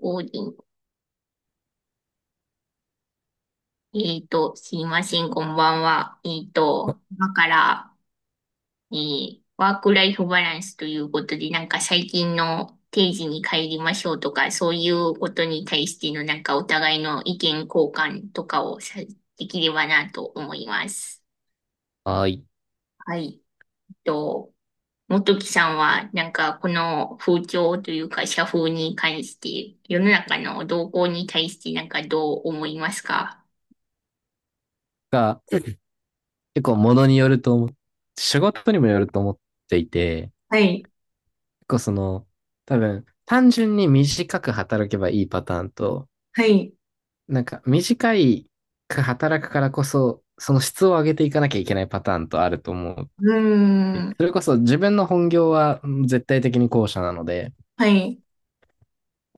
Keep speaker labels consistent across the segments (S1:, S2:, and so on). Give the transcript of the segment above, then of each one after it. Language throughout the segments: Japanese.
S1: 王林。すいません、こんばんは。今から、ワークライフバランスということで、なんか最近の定時に帰りましょうとか、そういうことに対しての、なんかお互いの意見交換とかをさ、できればなと思います。
S2: あい。
S1: はい。えっと、元木さんは、なんかこの風潮というか、社風に関して、世の中の動向に対して、なんかどう思いますか？
S2: が、結構物によると思って仕事にもよると思っていて、
S1: はい。
S2: 結構その、多分、単純に短く働けばいいパターンと、
S1: はい。
S2: なんか短いく働くからこそ、その質を上げていかなきゃいけないパターンとあると思う。
S1: うーん。
S2: それこそ自分の本業は絶対的に後者なので、
S1: はい。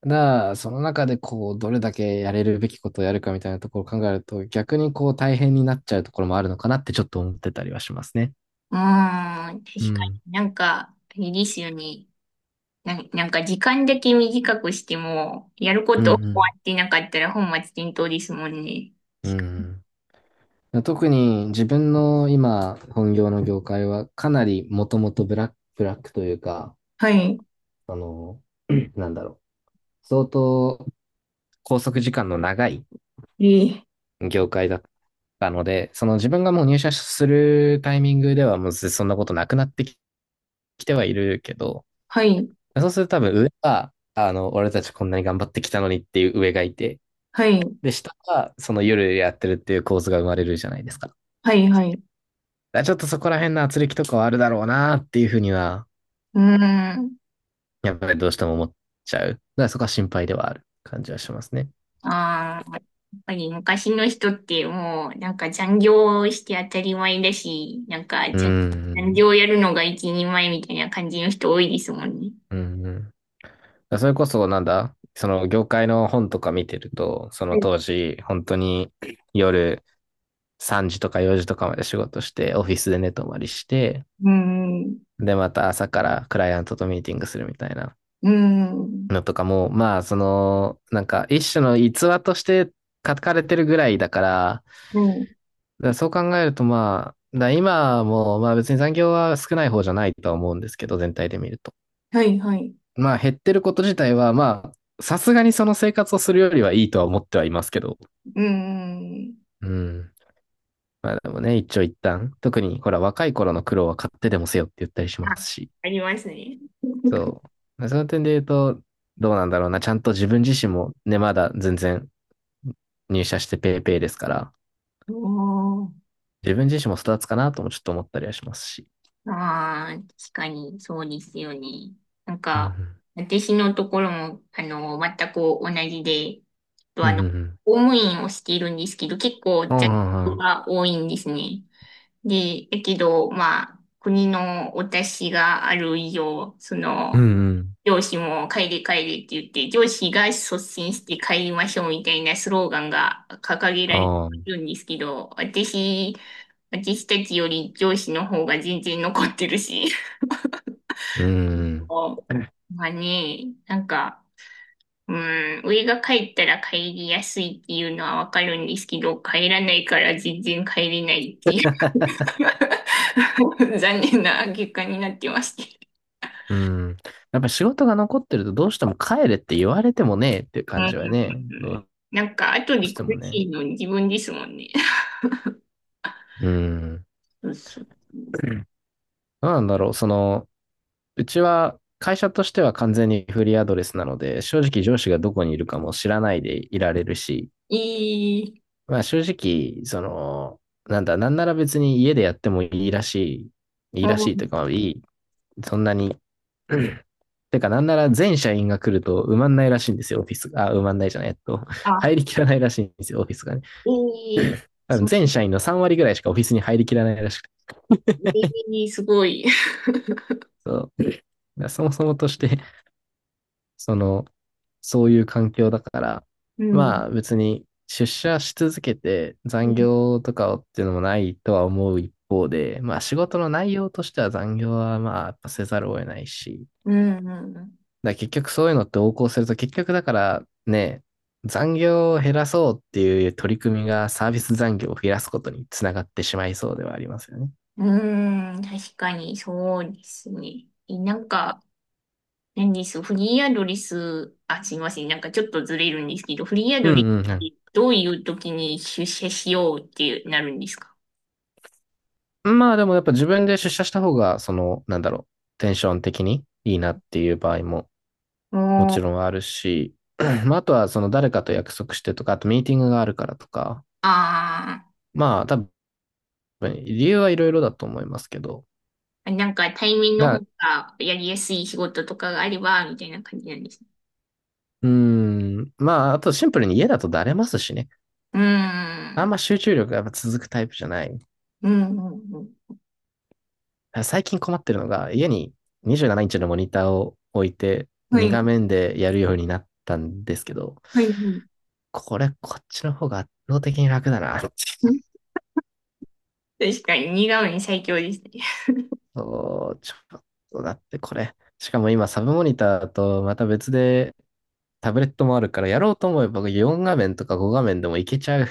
S2: だからその中でこう、どれだけやれるべきことをやるかみたいなところを考えると、逆にこう大変になっちゃうところもあるのかなってちょっと思ってたりはしますね。
S1: うーん。
S2: う
S1: 確か
S2: ん。
S1: になんか、いいですよね。なんか時間だけ短くしても、やるこ
S2: うんう
S1: と終わ
S2: ん。
S1: ってなかったら本末転倒ですもんね。
S2: うん。特に自分の今本業の業界はかなりもともとブラックというか、
S1: はい。
S2: あの、なんだろ相当拘束時間の長い
S1: えー
S2: 業界だったので、その自分がもう入社するタイミングではもうそんなことなくなってきてはいるけど、
S1: はい。
S2: そうすると多分上は、俺たちこんなに頑張ってきたのにっていう上がいて、
S1: はい。
S2: で、下はその夜やってるっていう構図が生まれるじゃないですか。だか
S1: はい。はい。
S2: らちょっとそこら辺の圧力とかはあるだろうなっていうふうには
S1: うーん。
S2: やっぱりどうしても思っちゃう。だからそこは心配ではある感じはしますね。
S1: ああ、やっぱり昔の人ってもう、なんか残業して当たり前だし、なんか
S2: う
S1: 残
S2: ー
S1: 残
S2: ん。
S1: 業やるのが一人前みたいな感じの人多いですもんね。
S2: うんうん。だからそれこそなんだその業界の本とか見てると、そ
S1: は
S2: の
S1: い。う
S2: 当時、本当に夜3時とか4時とかまで仕事して、オフィスで寝泊まりして、
S1: ーん。
S2: で、また朝からクライアントとミーティングするみたいな
S1: うーん。
S2: のとかも、まあ、なんか一種の逸話として書かれてるぐらいだから、
S1: はい、
S2: だからそう考えると、まあ、だから今も、まあ別に残業は少ない方じゃないとは思うんですけど、全体で見ると。
S1: はい、はい。
S2: まあ減ってること自体は、まあ、さすがにその生活をするよりはいいとは思ってはいますけど。
S1: うんうん。
S2: うん。まあでもね、一長一短。特に、ほら、若い頃の苦労は買ってでもせよって言ったりし
S1: あ、
S2: ますし。
S1: ありますね。
S2: そう。その点で言うと、どうなんだろうな。ちゃんと自分自身もね、まだ全然入社してペーペーですから、
S1: おー。
S2: 自分自身も育つかなともちょっと思ったりはしますし。
S1: ああ、確かに、そうですよね。なん
S2: うんう
S1: か、
S2: ん。
S1: 私のところも、全く同じで、と
S2: うん
S1: あ
S2: うん
S1: の、
S2: うん。
S1: 公務員をしているんですけど、結構、
S2: うん
S1: 雑
S2: うんう
S1: 務
S2: ん
S1: が多いんですね。で、だけど、まあ、国のお達しがある以上、
S2: うんうん。
S1: 上司も帰れ帰れって言って、上司が率先して帰りましょうみたいなスローガンが掲げられて
S2: ああ、う
S1: るんですけど、私たちより上司の方が全然残ってるし。
S2: ん。
S1: もうまあね、なんか、うん、上が帰ったら帰りやすいっていうのはわかるんですけど、帰らないから全然帰れないっていう。残念な結果になってますけど。
S2: うん。やっぱ仕事が残ってるとどうしても帰れって言われてもねえっていう
S1: う
S2: 感
S1: ん。
S2: じはね、ど
S1: なんか、後
S2: う
S1: で
S2: して
S1: 苦
S2: も
S1: し
S2: ね。
S1: いの自分ですもんね。
S2: うん。
S1: そうそう。
S2: どうなんだろう。うちは会社としては完全にフリーアドレスなので、正直上司がどこにいるかも知らないでいられるし、
S1: いい、
S2: まあ正直、なんなら別に家でやってもいいらしい、い
S1: う
S2: いらしいという
S1: ん、
S2: か、いい、そんなになんなら全社員が来ると埋まんないらしいんですよ、オフィスが。あ、埋まんないじゃない、
S1: あ、
S2: 入りきらないらしいんですよ、オフィスがね。
S1: いい、
S2: 多
S1: そ
S2: 分
S1: う、
S2: 全社員の3割ぐらいしかオフィスに入りきらないらしくて。
S1: いい、すごい。
S2: そう。そもそもとして、その、そういう環境だから、
S1: うん、
S2: まあ別に出社し続けて
S1: う
S2: 残
S1: ん、
S2: 業とかっていうのもないとは思う一方で、まあ仕事の内容としては残業はまあやっぱせざるを得ないし、
S1: うん、
S2: だから結局そういうのって横行すると、結局だからね、残業を減らそうっていう取り組みがサービス残業を増やすことにつながってしまいそうではありますよね。
S1: うん、うん、確かにそうですね。なんか、何です、フリーアドレス、あ、すいません、なんかちょっとずれるんですけど、フリーア
S2: う
S1: ドレスっ
S2: んうん
S1: てどういう時に出社しようってなるんですか？
S2: うん。まあでもやっぱ自分で出社した方が、テンション的にいいなっていう場合も
S1: お
S2: もち
S1: ー。
S2: ろんあるし、まああとはその誰かと約束してとか、あとミーティングがあるからとか、
S1: あ
S2: まあ多分理由はいろいろだと思いますけど、
S1: あ、なんか対面の方
S2: だ
S1: がやりやすい仕事とかがあれば、みたいな感じなんですね。
S2: うーん、まああとシンプルに家だとだれますしね。
S1: うー
S2: あん
S1: ん。
S2: ま集中力がやっぱ続くタイプじゃない。
S1: うん、うん、うん。
S2: 最近困ってるのが、家に27インチのモニターを置いて、
S1: は
S2: 2
S1: い、
S2: 画面でやるようになったんですけど、
S1: はい、はい。
S2: これ、こっちの方が圧倒的に楽だな。
S1: 確かに、似顔絵最強ですね。
S2: そう、ちょっとだってこれ。しかも今、サブモニターとまた別でタブレットもあるから、やろうと思えば4画面とか5画面でもいけちゃう。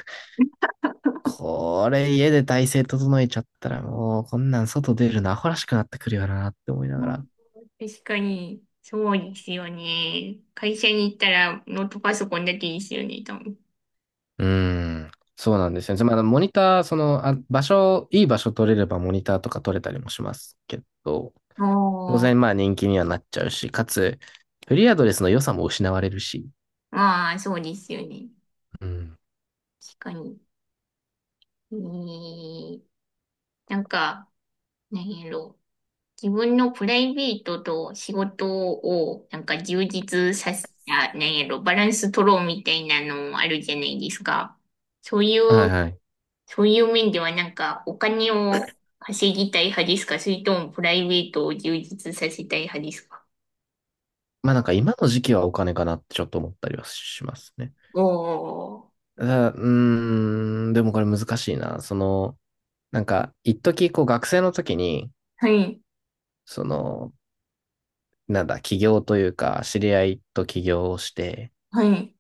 S2: これ、家で体勢整えちゃったらもう、こんなん外出るのアホらしくなってくるよなって思いなが
S1: うん、
S2: ら。
S1: 確かに、そうですよね。会社に行ったらノートパソコンだけですよね、多分。
S2: うーん。そうなんですよね。まあ、モニター、その、あ、場所、いい場所取れればモニターとか取れたりもしますけど、当
S1: あ、
S2: 然まあ人気にはなっちゃうし、かつ、フリーアドレスの良さも失われるし。
S1: まあ、そうですよね。
S2: うん。
S1: 確かに。えー、なんか、何やろう。自分のプライベートと仕事を、なんか充実させ、た何やろバランス取ろうみたいなのあるじゃないですか。そうい
S2: は
S1: う、
S2: いはい。
S1: そういう面ではなんか、お金を稼ぎたい派ですか、それともプライベートを充実させたい派ですか？
S2: まあなんか今の時期はお金かなってちょっと思ったりはしますね。
S1: おー、
S2: ただ、うーん、でもこれ難しいな。なんか、一時こう学生の時に、
S1: はい、
S2: その、なんだ、起業というか、知り合いと起業をして、
S1: はい、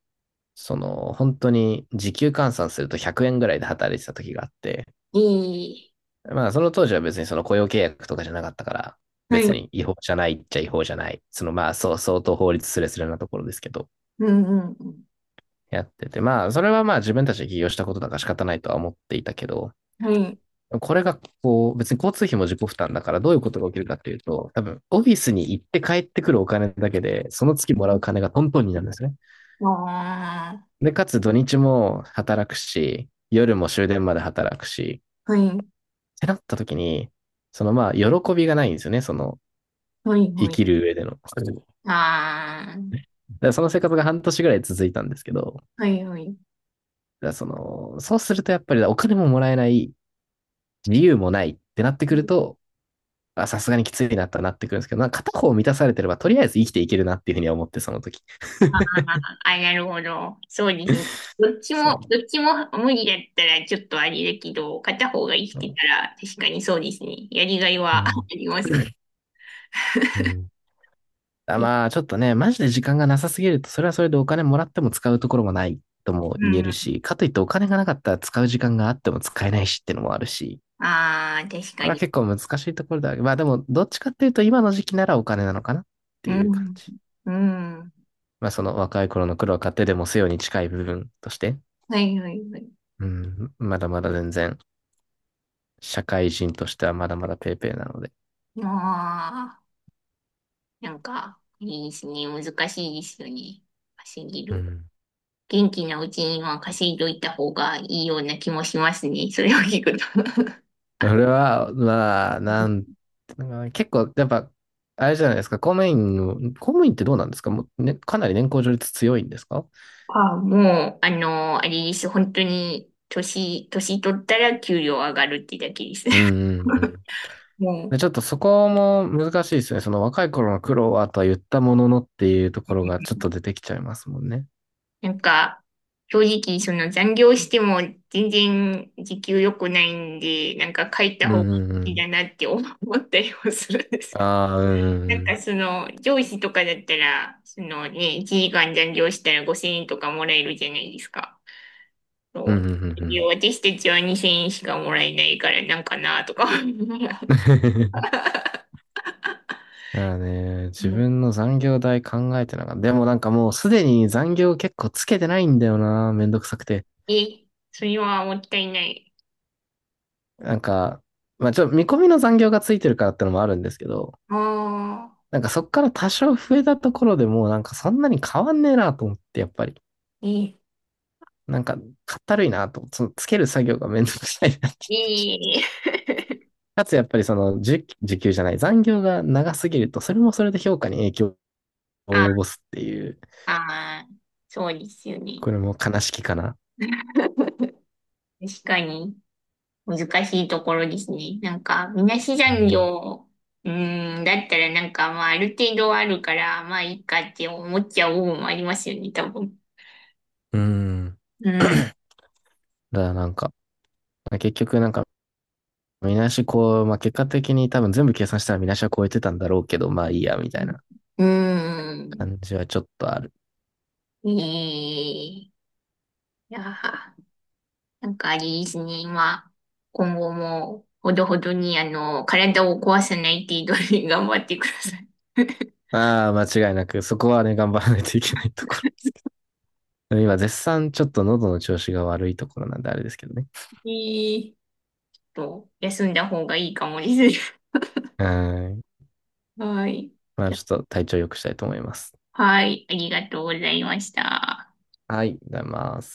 S2: 本当に時給換算すると100円ぐらいで働いてた時があって、
S1: えー、
S2: まあ、その当時は別にその雇用契約とかじゃなかったから、
S1: はい、う
S2: 別
S1: ん、
S2: に違法じゃないっちゃ違法じゃない。そのまあ、そう、相当法律すれすれなところですけど、
S1: うん、うん、
S2: やってて、まあ、それはまあ自分たちで起業したことだから仕方ないとは思っていたけど、
S1: はい。
S2: これがこう、別に交通費も自己負担だからどういうことが起きるかっていうと、多分オフィスに行って帰ってくるお金だけで、その月もらう金がトントンになるんですね。
S1: ああ、
S2: で、かつ土日も働くし、夜も終電まで働くし、
S1: はい、
S2: てなった時に、そのまあ、喜びがないんですよね、その、
S1: はい、
S2: 生
S1: はい。
S2: きる上での。だか
S1: あ
S2: らその生活が半年ぐらい続いたんですけど、だか
S1: あ、はい、はい。
S2: らそうするとやっぱりお金ももらえない、理由もないってなってくると、あさすがにきついなってなってくるんですけど、なんか片方満たされてれば、とりあえず生きていけるなっていうふうには思って、その時。
S1: ああ、あ、なるほど。そうですね。どっち
S2: そう。
S1: も、どっちも無理だったらちょっとあれだけど、片方が生きて
S2: う
S1: たら確かにそうですね。やりがいは あ
S2: ん。
S1: りますもん
S2: うん。あ
S1: ね。
S2: まあ、ちょっとね、マジで時間がなさすぎると、それはそれでお金もらっても使うところもないとも
S1: う
S2: 言えるし、
S1: ん。
S2: かといってお金がなかったら使う時間があっても使えないしっていうのもあるし、
S1: ああ、確か
S2: これは
S1: に。
S2: 結構難しいところだ。まあでも、どっちかっていうと今の時期ならお金なのかなっ
S1: う
S2: ていう感
S1: ん。
S2: じ。
S1: うん。
S2: まあその若い頃の苦労を買ってでもせよに近い部分として、
S1: はい、はい、はい。
S2: うん、まだまだ全然、社会人としてはまだまだペーペーなので。
S1: ああ、なんか、いいですね。難しいですよね。稼ぎ
S2: う
S1: る。
S2: ん。
S1: 元気なうちには稼いどいた方がいいような気もしますね。それを聞くと。
S2: 俺は、まあ、結構、やっぱ、あれじゃないですか、公務員ってどうなんですかもう、ね、かなり年功序列強いんですか？
S1: あ、もう、あれです。本当に、年取ったら給料上がるってだけです。
S2: うんうんうん。で、
S1: も
S2: ちょっとそこも難しいですね。その若い頃の苦労はとは言ったもののっていうところがちょっと出てきちゃいますもんね。
S1: う、なんか、正直、残業しても全然時給良くないんで、なんか書い
S2: う
S1: た
S2: ん
S1: 方が
S2: うんう
S1: いい
S2: ん。
S1: だなって思ったりもするんです。
S2: ああ、うんうん
S1: な
S2: う
S1: んか
S2: ん。
S1: 上司とかだったら、1時間残業したら5000円とかもらえるじゃないですか。
S2: う
S1: そ
S2: んうん
S1: う。
S2: うんうん。
S1: 私たちは2000円しかもらえないからなんかなとか。うん。
S2: だからね、自分の残業代考えてなかった。でもなんかもうすでに残業結構つけてないんだよな。めんどくさくて。
S1: え、それはもったいない。
S2: なんか、まあちょっと見込みの残業がついてるからってのもあるんですけど、
S1: ああ、
S2: なんかそっから多少増えたところでもうなんかそんなに変わんねえなと思って、やっぱり。
S1: え、
S2: なんか、かったるいなとつける作業がめんどくさいな
S1: ええ、
S2: かつ、やっぱりその、時給じゃない、残業が長すぎると、それもそれで評価に影響を
S1: あ
S2: 及ぼすっていう、
S1: あー、そうですよね。
S2: これも悲しきかな。
S1: 確かに難しいところですね。なんか、みなし残業、うーん、だったらなんかまあある程度あるから、まあいいかって思っちゃう部分もありますよね、多分。
S2: うん。
S1: う
S2: だ
S1: ん。
S2: からなんか、結局なんか、見なしこう、まあ、結果的に多分全部計算したら見なしは超えてたんだろうけど、まあいいや、みたいな
S1: うん。
S2: 感じはちょっとある。
S1: うーん。ええ、いやー。なんかあれですね、今後も、ほどほどに、体を壊さない程度に頑張ってください。
S2: ああ、間違いなく、そこはね、頑張らないといけないところ。今、絶賛ちょっと喉の調子が悪いところなんであれですけどね。
S1: いい。と、休んだ方がいいかもです。
S2: うん。
S1: はい。
S2: まあ、ちょっと体調良くしたいと思います。
S1: はい、ありがとうございました。
S2: はい、ありがとうございます。